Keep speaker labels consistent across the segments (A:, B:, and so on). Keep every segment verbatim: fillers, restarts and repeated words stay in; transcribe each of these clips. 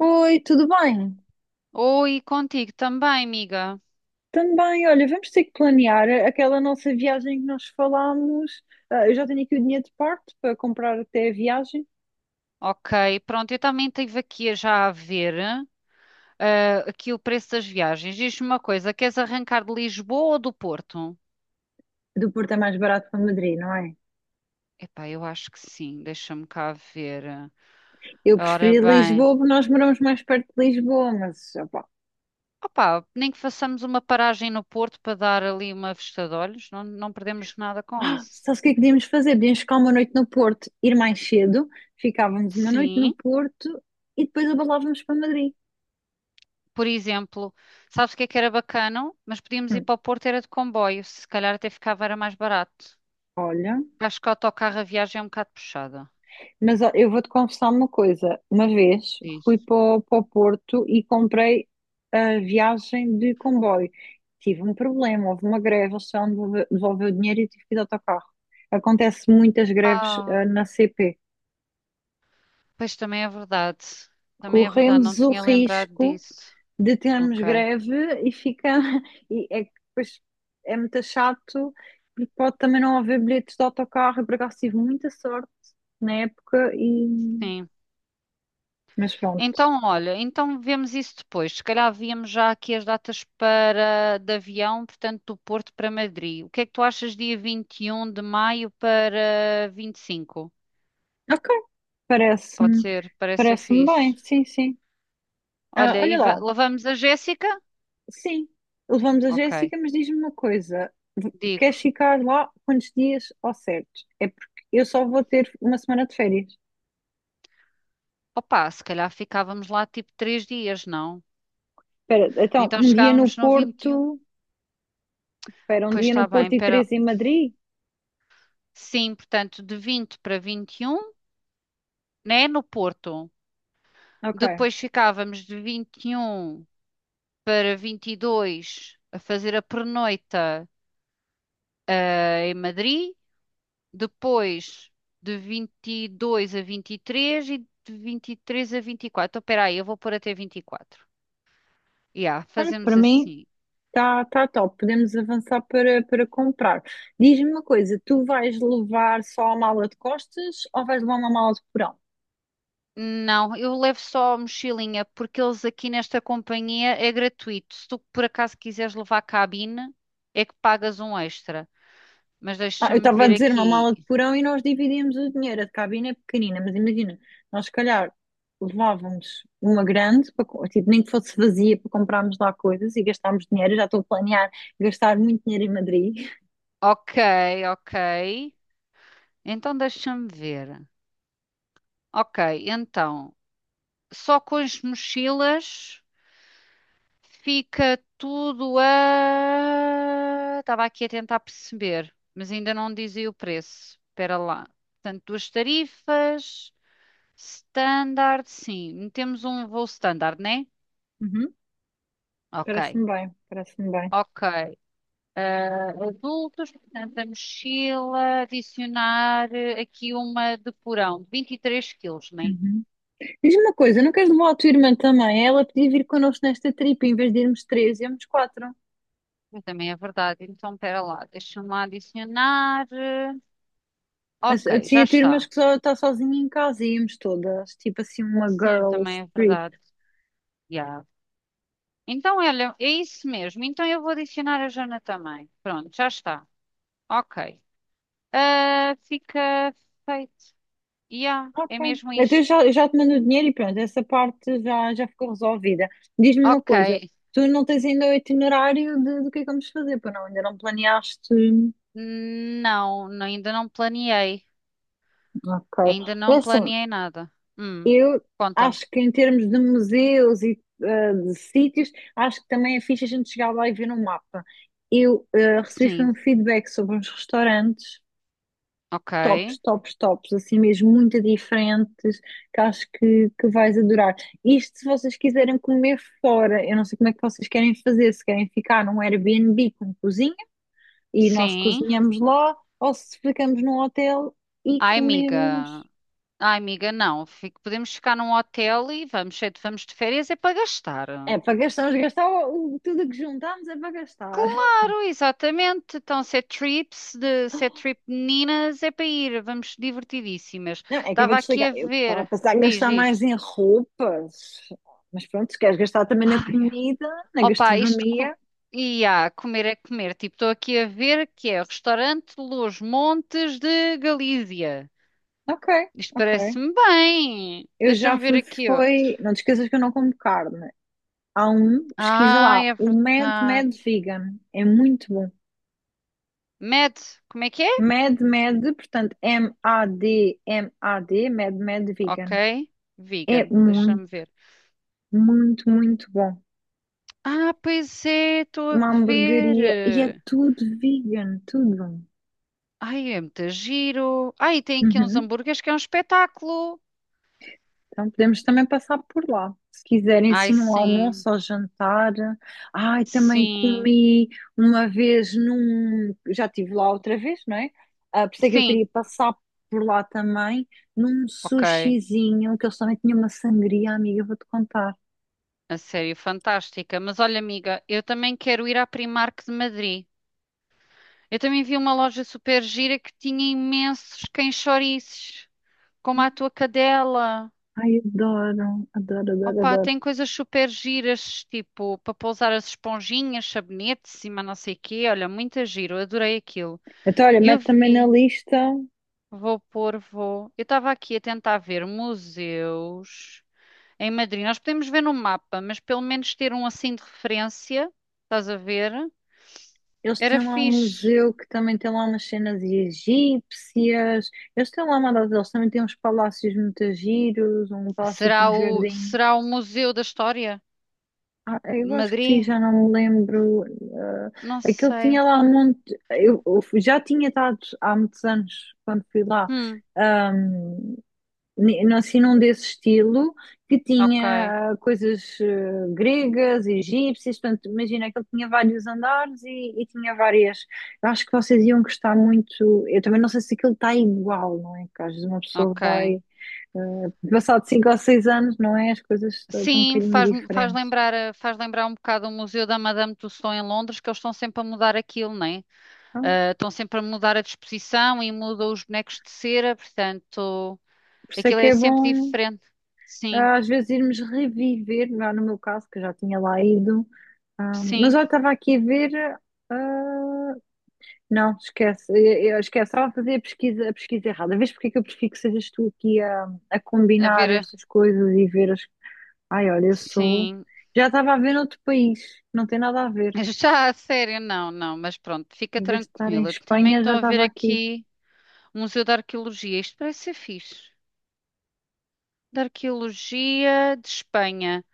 A: Oi, tudo bem?
B: Oi, contigo também, amiga.
A: Também, olha, vamos ter que planear a- aquela nossa viagem que nós falámos. Ah, eu já tenho aqui o dinheiro de parte para comprar até a viagem.
B: Ok, pronto, eu também estive aqui já a ver ah, aqui o preço das viagens. Diz-me uma coisa, queres arrancar de Lisboa ou do Porto?
A: Do Porto é mais barato para Madrid, não é?
B: Epá, eu acho que sim, deixa-me cá ver.
A: Eu
B: Ora
A: preferi
B: bem,
A: Lisboa, porque nós moramos mais perto de Lisboa, mas opá.
B: opá, nem que façamos uma paragem no Porto para dar ali uma vista de olhos, não, não perdemos nada com
A: Ah,
B: isso.
A: sabes o que é que podíamos fazer? Podíamos ficar uma noite no Porto, ir mais cedo, ficávamos uma noite no
B: Sim,
A: Porto e depois abalávamos para Madrid.
B: por exemplo, sabes o que é que era bacana? Mas podíamos ir
A: Hum,
B: para o Porto, era de comboio, se calhar até ficava, era mais barato.
A: olha.
B: Acho que o autocarro a viagem é um bocado puxada.
A: Mas ó, eu vou-te confessar uma coisa. Uma vez
B: Diz.
A: fui para o, para o Porto e comprei a viagem de comboio. Tive um problema, houve uma greve, eles só me devolve- devolveu o dinheiro e eu tive que ir de autocarro. Acontece muitas greves ah,
B: Ah,
A: na C P.
B: pois também é verdade. Também é verdade, não
A: Corremos o
B: tinha lembrado
A: risco
B: disso.
A: de termos
B: Ok,
A: greve e fica. E é que depois é muito chato, porque pode também não haver bilhetes de autocarro. Eu por acaso tive muita sorte na época e.
B: sim.
A: Mas pronto.
B: Então, olha, então vemos isso depois. Se calhar víamos já aqui as datas para de avião, portanto, do Porto para Madrid. O que é que tu achas dia vinte e um de maio para vinte e cinco?
A: Ok,
B: Pode
A: parece-me,
B: ser, parece ser
A: parece-me bem,
B: fixe.
A: sim, sim. Ah,
B: Olha,
A: olha
B: e va-
A: lá,
B: levamos a Jéssica?
A: sim, levamos a
B: Ok,
A: Jéssica, mas diz-me uma coisa, v-
B: digo.
A: queres ficar lá quantos dias ao certo? É porque eu só vou ter uma semana de férias.
B: Opa, se calhar ficávamos lá tipo três dias, não?
A: Espera, então,
B: Então
A: um dia no
B: chegámos no vinte e um.
A: Porto, espera, um
B: Pois
A: dia
B: está
A: no
B: bem,
A: Porto e
B: pera.
A: três em Madrid?
B: Sim, portanto, de vinte para vinte e um, né, no Porto.
A: Ok.
B: Depois ficávamos de vinte e um para vinte e dois a fazer a pernoita eh, em Madrid. Depois de vinte e dois a vinte e três e três e de vinte e três a vinte e quatro. Então, espera aí, eu vou pôr até vinte e quatro. Yeah,
A: Olha, para
B: fazemos
A: mim
B: assim.
A: está tá tá top, podemos avançar para, para comprar. Diz-me uma coisa, tu vais levar só a mala de costas ou vais levar uma mala de porão?
B: Não, eu levo só a mochilinha, porque eles aqui nesta companhia é gratuito. Se tu por acaso quiseres levar cabine, é que pagas um extra. Mas
A: Ah, eu
B: deixa-me
A: estava a
B: ver
A: dizer uma mala de
B: aqui.
A: porão e nós dividíamos o dinheiro. A de cabine é pequenina, mas imagina, nós se calhar levávamos uma grande, para, co- tipo, nem que fosse vazia para comprarmos lá coisas e gastarmos dinheiro. Eu já estou a planear gastar muito dinheiro em Madrid.
B: Ok, ok. Então deixa-me ver. Ok, então, só com as mochilas fica tudo a. Estava aqui a tentar perceber, mas ainda não dizia o preço. Espera lá. Portanto, duas tarifas. Standard, sim. Metemos um voo standard, né?
A: Uhum.
B: Ok,
A: Parece-me bem, parece-me bem.
B: ok. Ah, adultos, portanto, a mochila, adicionar eh, aqui uma de porão, vinte e três quilos, né?
A: Uhum. Diz-me uma coisa, não queres levar a tua irmã também? Ela podia vir connosco nesta tripa, em vez de irmos três, íamos quatro.
B: Também é verdade. Então, espera lá, deixa-me lá adicionar. eh, Ok,
A: Assim,
B: já
A: a tua irmã
B: está.
A: que só está sozinha em casa, íamos todas, tipo assim, uma
B: Sim,
A: girls
B: também é
A: trip.
B: verdade. Já. Então, olha, é isso mesmo. Então, eu vou adicionar a Jana também. Pronto, já está. Ok. Ah, fica feito. Yeah,
A: Ok.
B: é mesmo
A: Então eu
B: isto.
A: já, eu já te mando o dinheiro e pronto, essa parte já, já ficou resolvida. Diz-me uma
B: Ok.
A: coisa, tu não tens ainda o itinerário de- do que é que vamos fazer, pois não? Ainda não planeaste?
B: Não, não- ainda não planeei.
A: Ok.
B: Ainda
A: É
B: não
A: assim,
B: planeei nada. Hum,
A: eu
B: conta-me.
A: acho que em termos de museus e eh, de sítios, acho que também é fixe a gente chegar lá e ver no mapa. Eu eh, recebi foi
B: Sim,
A: um feedback sobre uns restaurantes
B: ok.
A: tops, tops, tops, assim mesmo muito diferentes, que acho que, que vais adorar. Isto se vocês quiserem comer fora, eu não sei como é que vocês querem fazer, se querem ficar num Airbnb com cozinha e nós
B: Sim.
A: cozinhamos lá, ou se ficamos num hotel e
B: Ai,
A: comemos.
B: amiga. Ai, amiga, não. Fico- podemos ficar num hotel e vamos, ser- vamos de férias é para gastar.
A: É para gastar, vamos gastar o- o- tudo o que juntámos é para gastar.
B: Claro, exatamente. Então, se é trips, de, se é trip de meninas, é para ir. Vamos divertidíssimas.
A: Não, é que eu vou
B: Estava aqui
A: desligar.
B: a
A: Eu que estava a
B: ver.
A: pensar em
B: Diz,
A: gastar mais
B: diz.
A: em roupas, mas pronto, se queres gastar também na
B: Ai.
A: comida, na
B: Opa, isto co...
A: gastronomia.
B: e há, comer é comer. Tipo, estou aqui a ver que é restaurante Los Montes de Galícia.
A: Ok,
B: Isto
A: ok.
B: parece-me bem.
A: Eu já
B: Deixa-me ver
A: fui,
B: aqui outro.
A: foi. Não te esqueças que eu não como carne. Há um, pesquisa
B: Ah,
A: lá,
B: é
A: o Mad
B: verdade.
A: Mad Vegan. É muito bom.
B: Med, como é que é?
A: Mad Mad, portanto, M-A-D-M-A-D, Mad Mad
B: Ok.
A: Vegan. É
B: Vegan, deixa-me
A: muito,
B: ver.
A: muito, muito bom.
B: Ah, pois é, estou a
A: Uma hamburgueria e é
B: ver.
A: tudo vegan, tudo.
B: Ai, é muito giro. Ai, tem aqui uns
A: Uhum.
B: hambúrgueres que é um espetáculo.
A: Então podemos também passar por lá. Se quiserem,
B: Ai,
A: sim, um
B: sim,
A: almoço ou jantar. Ai, também
B: sim,
A: comi uma vez num. Já estive lá outra vez, não é? Ah, por isso é que eu
B: sim,
A: queria passar por lá também, num
B: ok.
A: sushizinho, que eles também tinham uma sangria, amiga, eu vou-te contar.
B: A sério, fantástica. Mas olha, amiga, eu também quero ir à Primark de Madrid. Eu também vi uma loja super gira que tinha imensos cães-chouriços, como a tua cadela.
A: Ai, adoro, adoro, adoro,
B: Opa,
A: adoro.
B: tem coisas super giras, tipo, para pousar as esponjinhas, sabonetes, cima não sei quê. Olha, muito giro, eu adorei aquilo.
A: Então, olha,
B: E eu
A: mete também na
B: vi,
A: lista.
B: vou pôr, vou. Eu estava aqui a tentar ver museus em Madrid. Nós podemos ver no mapa, mas pelo menos ter um assim de referência, estás a ver?
A: Eles têm
B: Era
A: lá um
B: fixe.
A: museu que também tem lá umas cenas egípcias. Eles têm lá uma data, eles também têm uns palácios muito giros, um palácio com
B: Será
A: um
B: o,
A: jardim.
B: será o Museu da História
A: Ah,
B: de
A: eu acho que sim,
B: Madrid?
A: já não me lembro. Ah,
B: Não
A: aquele tinha
B: sei.
A: lá um monte. Eu, eu já tinha estado há muitos anos quando fui lá
B: Hum,
A: ne- não- assim num desse estilo, que
B: ok,
A: tinha ah, coisas eh, gregas, egípcias, portanto, imagina que ele tinha vários andares e, e tinha várias. Eu acho que vocês iam gostar muito. Eu também não sei se aquilo está igual, não é? Que às vezes uma pessoa
B: ok.
A: vai, eh, passado cinco ou seis anos, não é? As coisas estão estão um
B: Sim,
A: bocadinho
B: faz, faz
A: diferentes.
B: lembrar, eh, faz lembrar um bocado o Museu da Madame Tussauds em Londres, que eles estão sempre a mudar aquilo, né?
A: Então,
B: É? Estão sempre a mudar a disposição e mudam os bonecos de cera, portanto,
A: por isso é
B: aquilo
A: que
B: é
A: é
B: sempre
A: bom.
B: diferente. Sim,
A: ah, Às vezes irmos reviver, lá no meu caso, que eu já tinha lá ido, ah, mas
B: sim,
A: eu estava aqui a ver, ah, não, esquece. Eu, eu esquece. Estava a fazer a pesquisa, a pesquisa errada. Vês porque é que eu prefiro que sejas tu aqui a, a
B: a
A: combinar
B: ver, eh,
A: estas coisas e ver as. Ai, olha, eu sou.
B: sim.
A: Já estava a ver noutro país. Não tem nada a ver.
B: Já a sério, não, não, mas pronto, fica
A: Em vez de estar em
B: tranquila. Também
A: Espanha,
B: estou
A: já
B: a ver
A: estava aqui.
B: aqui. Um Museu de Arqueologia. Isto parece ser fixe. De Arqueologia de Espanha.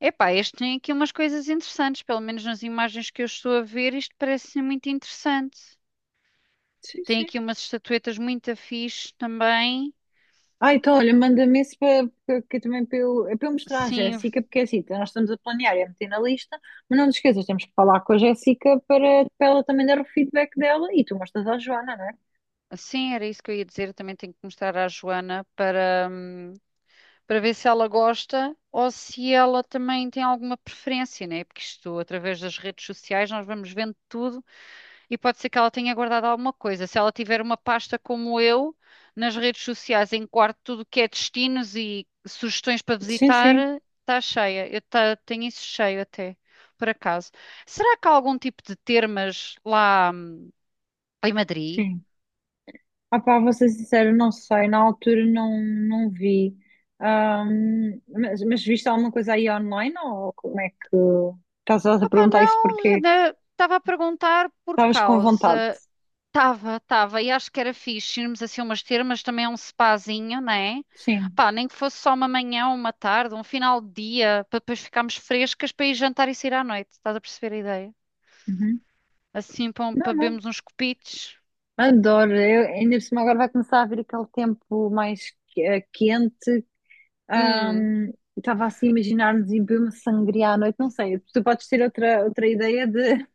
B: Epá, este tem aqui umas coisas interessantes, pelo menos nas imagens que eu estou a ver, isto parece muito interessante.
A: Sim,
B: Tem
A: sim.
B: aqui umas estatuetas muito fixe também.
A: Ah, então, olha, manda-me esse para, para- que também para eu, é para eu mostrar à
B: Sim,
A: Jéssica, porque é assim, nós estamos a planear e a meter na lista, mas não te esqueças, temos que falar com a Jéssica para, para ela também dar o feedback dela e tu mostras à Joana, não é?
B: sim, era isso que eu ia dizer. Eu também tenho que mostrar à Joana para, hum, para ver se ela gosta ou se ela também tem alguma preferência, né? Porque isto, através das redes sociais, nós vamos vendo tudo. E pode ser que ela tenha guardado alguma coisa. Se ela tiver uma pasta como eu, nas redes sociais, em quarto tudo que é destinos e sugestões para
A: Sim,
B: visitar,
A: sim.
B: está cheia. Eu ta- tenho isso cheio até, por acaso. Será que há algum tipo de termas lá hum, em Madrid?
A: Sim. Ah pá, vou ser sincera, não sei, na altura não, não vi. Ahm, mas, mas viste alguma coisa aí online ou como é que estás a
B: Opa,
A: perguntar isso
B: não,
A: porque
B: né, estava a perguntar por
A: estavas com vontade?
B: causa. Tava, tava, e acho que era fixe irmos assim umas termas, também é um spazinho, né?
A: Sim.
B: Pá, nem que fosse só uma manhã, uma tarde, um final de dia, para depois ficarmos frescas para ir jantar e sair à noite, estás a perceber a ideia?
A: Uhum.
B: Assim, para um-
A: Não,
B: para
A: não.
B: bebermos uns copitos.
A: Adoro. Eu, ainda por cima agora vai começar a vir aquele tempo mais que- eh, quente.
B: Hum,
A: Ahm, Estava assim a imaginar-nos em beber uma sangria à noite, não sei. Tu podes ter outra, outra ideia de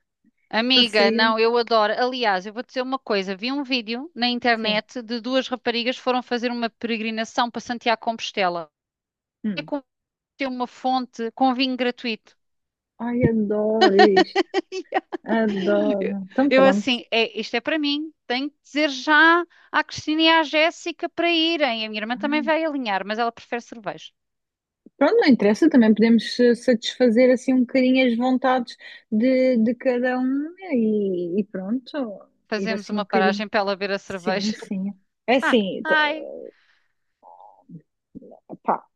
A: para
B: amiga,
A: sair?
B: não, eu adoro. Aliás, eu vou te dizer uma coisa, vi um vídeo na
A: Sim.
B: internet de duas raparigas que foram fazer uma peregrinação para Santiago de Compostela. É
A: Hum.
B: com ter uma fonte com vinho gratuito.
A: Ai, adoro isto. Adoro. Então,
B: Eu
A: pronto.
B: assim, é, isto é para mim. Tenho que dizer já à Cristina e à Jéssica para irem. A minha irmã também vai alinhar, mas ela prefere cerveja.
A: Pronto, não interessa, também podemos eh, satisfazer assim um bocadinho as vontades de, de cada um né, e, e pronto, ir
B: Fazemos
A: assim um
B: uma
A: bocadinho.
B: paragem para ela ver a
A: Sim,
B: cerveja.
A: sim. É
B: Ah,
A: assim, t-
B: ai,
A: pá,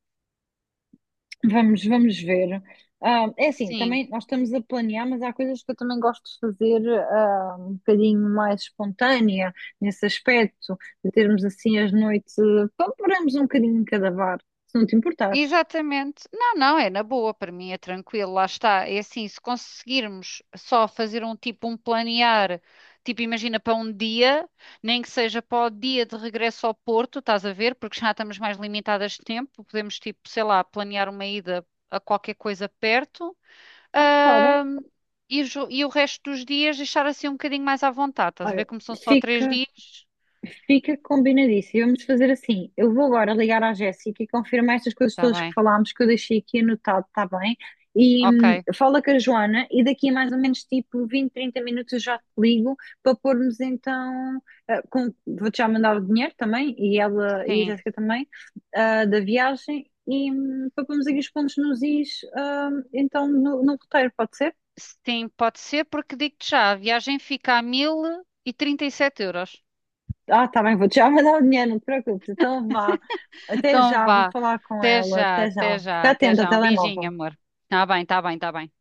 A: vamos, vamos ver. Ah, é assim,
B: sim.
A: também nós estamos a planear, mas há coisas que eu também gosto de fazer ah, um bocadinho mais espontânea nesse aspecto, de termos assim as noites, eh, pá, paramos um bocadinho em cada bar, se não te importares.
B: Exatamente. Não, não, é na boa, para mim é tranquilo, lá está. É assim, se conseguirmos só fazer um tipo, um planear, tipo, imagina para um dia, nem que seja para o dia de regresso ao Porto, estás a ver? Porque já estamos mais limitadas de tempo, podemos, tipo, sei lá, planear uma ida a qualquer coisa perto.
A: Ah, claro.
B: ahm, e, os- e o resto dos dias deixar assim um bocadinho mais à vontade, estás a ver?
A: Olha,
B: Como são só três
A: fica.
B: dias,
A: Fica combinadíssimo. Vamos fazer assim. Eu vou agora ligar à Jéssica e confirmar estas coisas
B: está
A: todas que
B: bem,
A: falámos, que eu deixei aqui anotado, está bem? E
B: ok,
A: hum, fala com a Joana e daqui a mais ou menos tipo vinte trinta minutos eu já te ligo para pormos então. Eh, com- vou-te já mandar o dinheiro também e ela e a
B: sim.
A: Jéssica também ah, da viagem e hum, para pormos aqui os pontos nos is ah, então no, no roteiro, pode ser?
B: Sim, pode ser, porque digo-te já, a viagem fica a mil e e trinta e sete euros.
A: Ah, tá bem, vou-te já mandar o dinheiro, não te preocupes. Então vá. Até
B: Então
A: já, vou
B: vá,
A: falar com
B: até
A: ela.
B: já,
A: Até
B: até
A: já.
B: já,
A: Fica
B: até
A: atenta ao
B: já. Um beijinho,
A: telemóvel.
B: amor. Tá bem, tá bem, tá bem.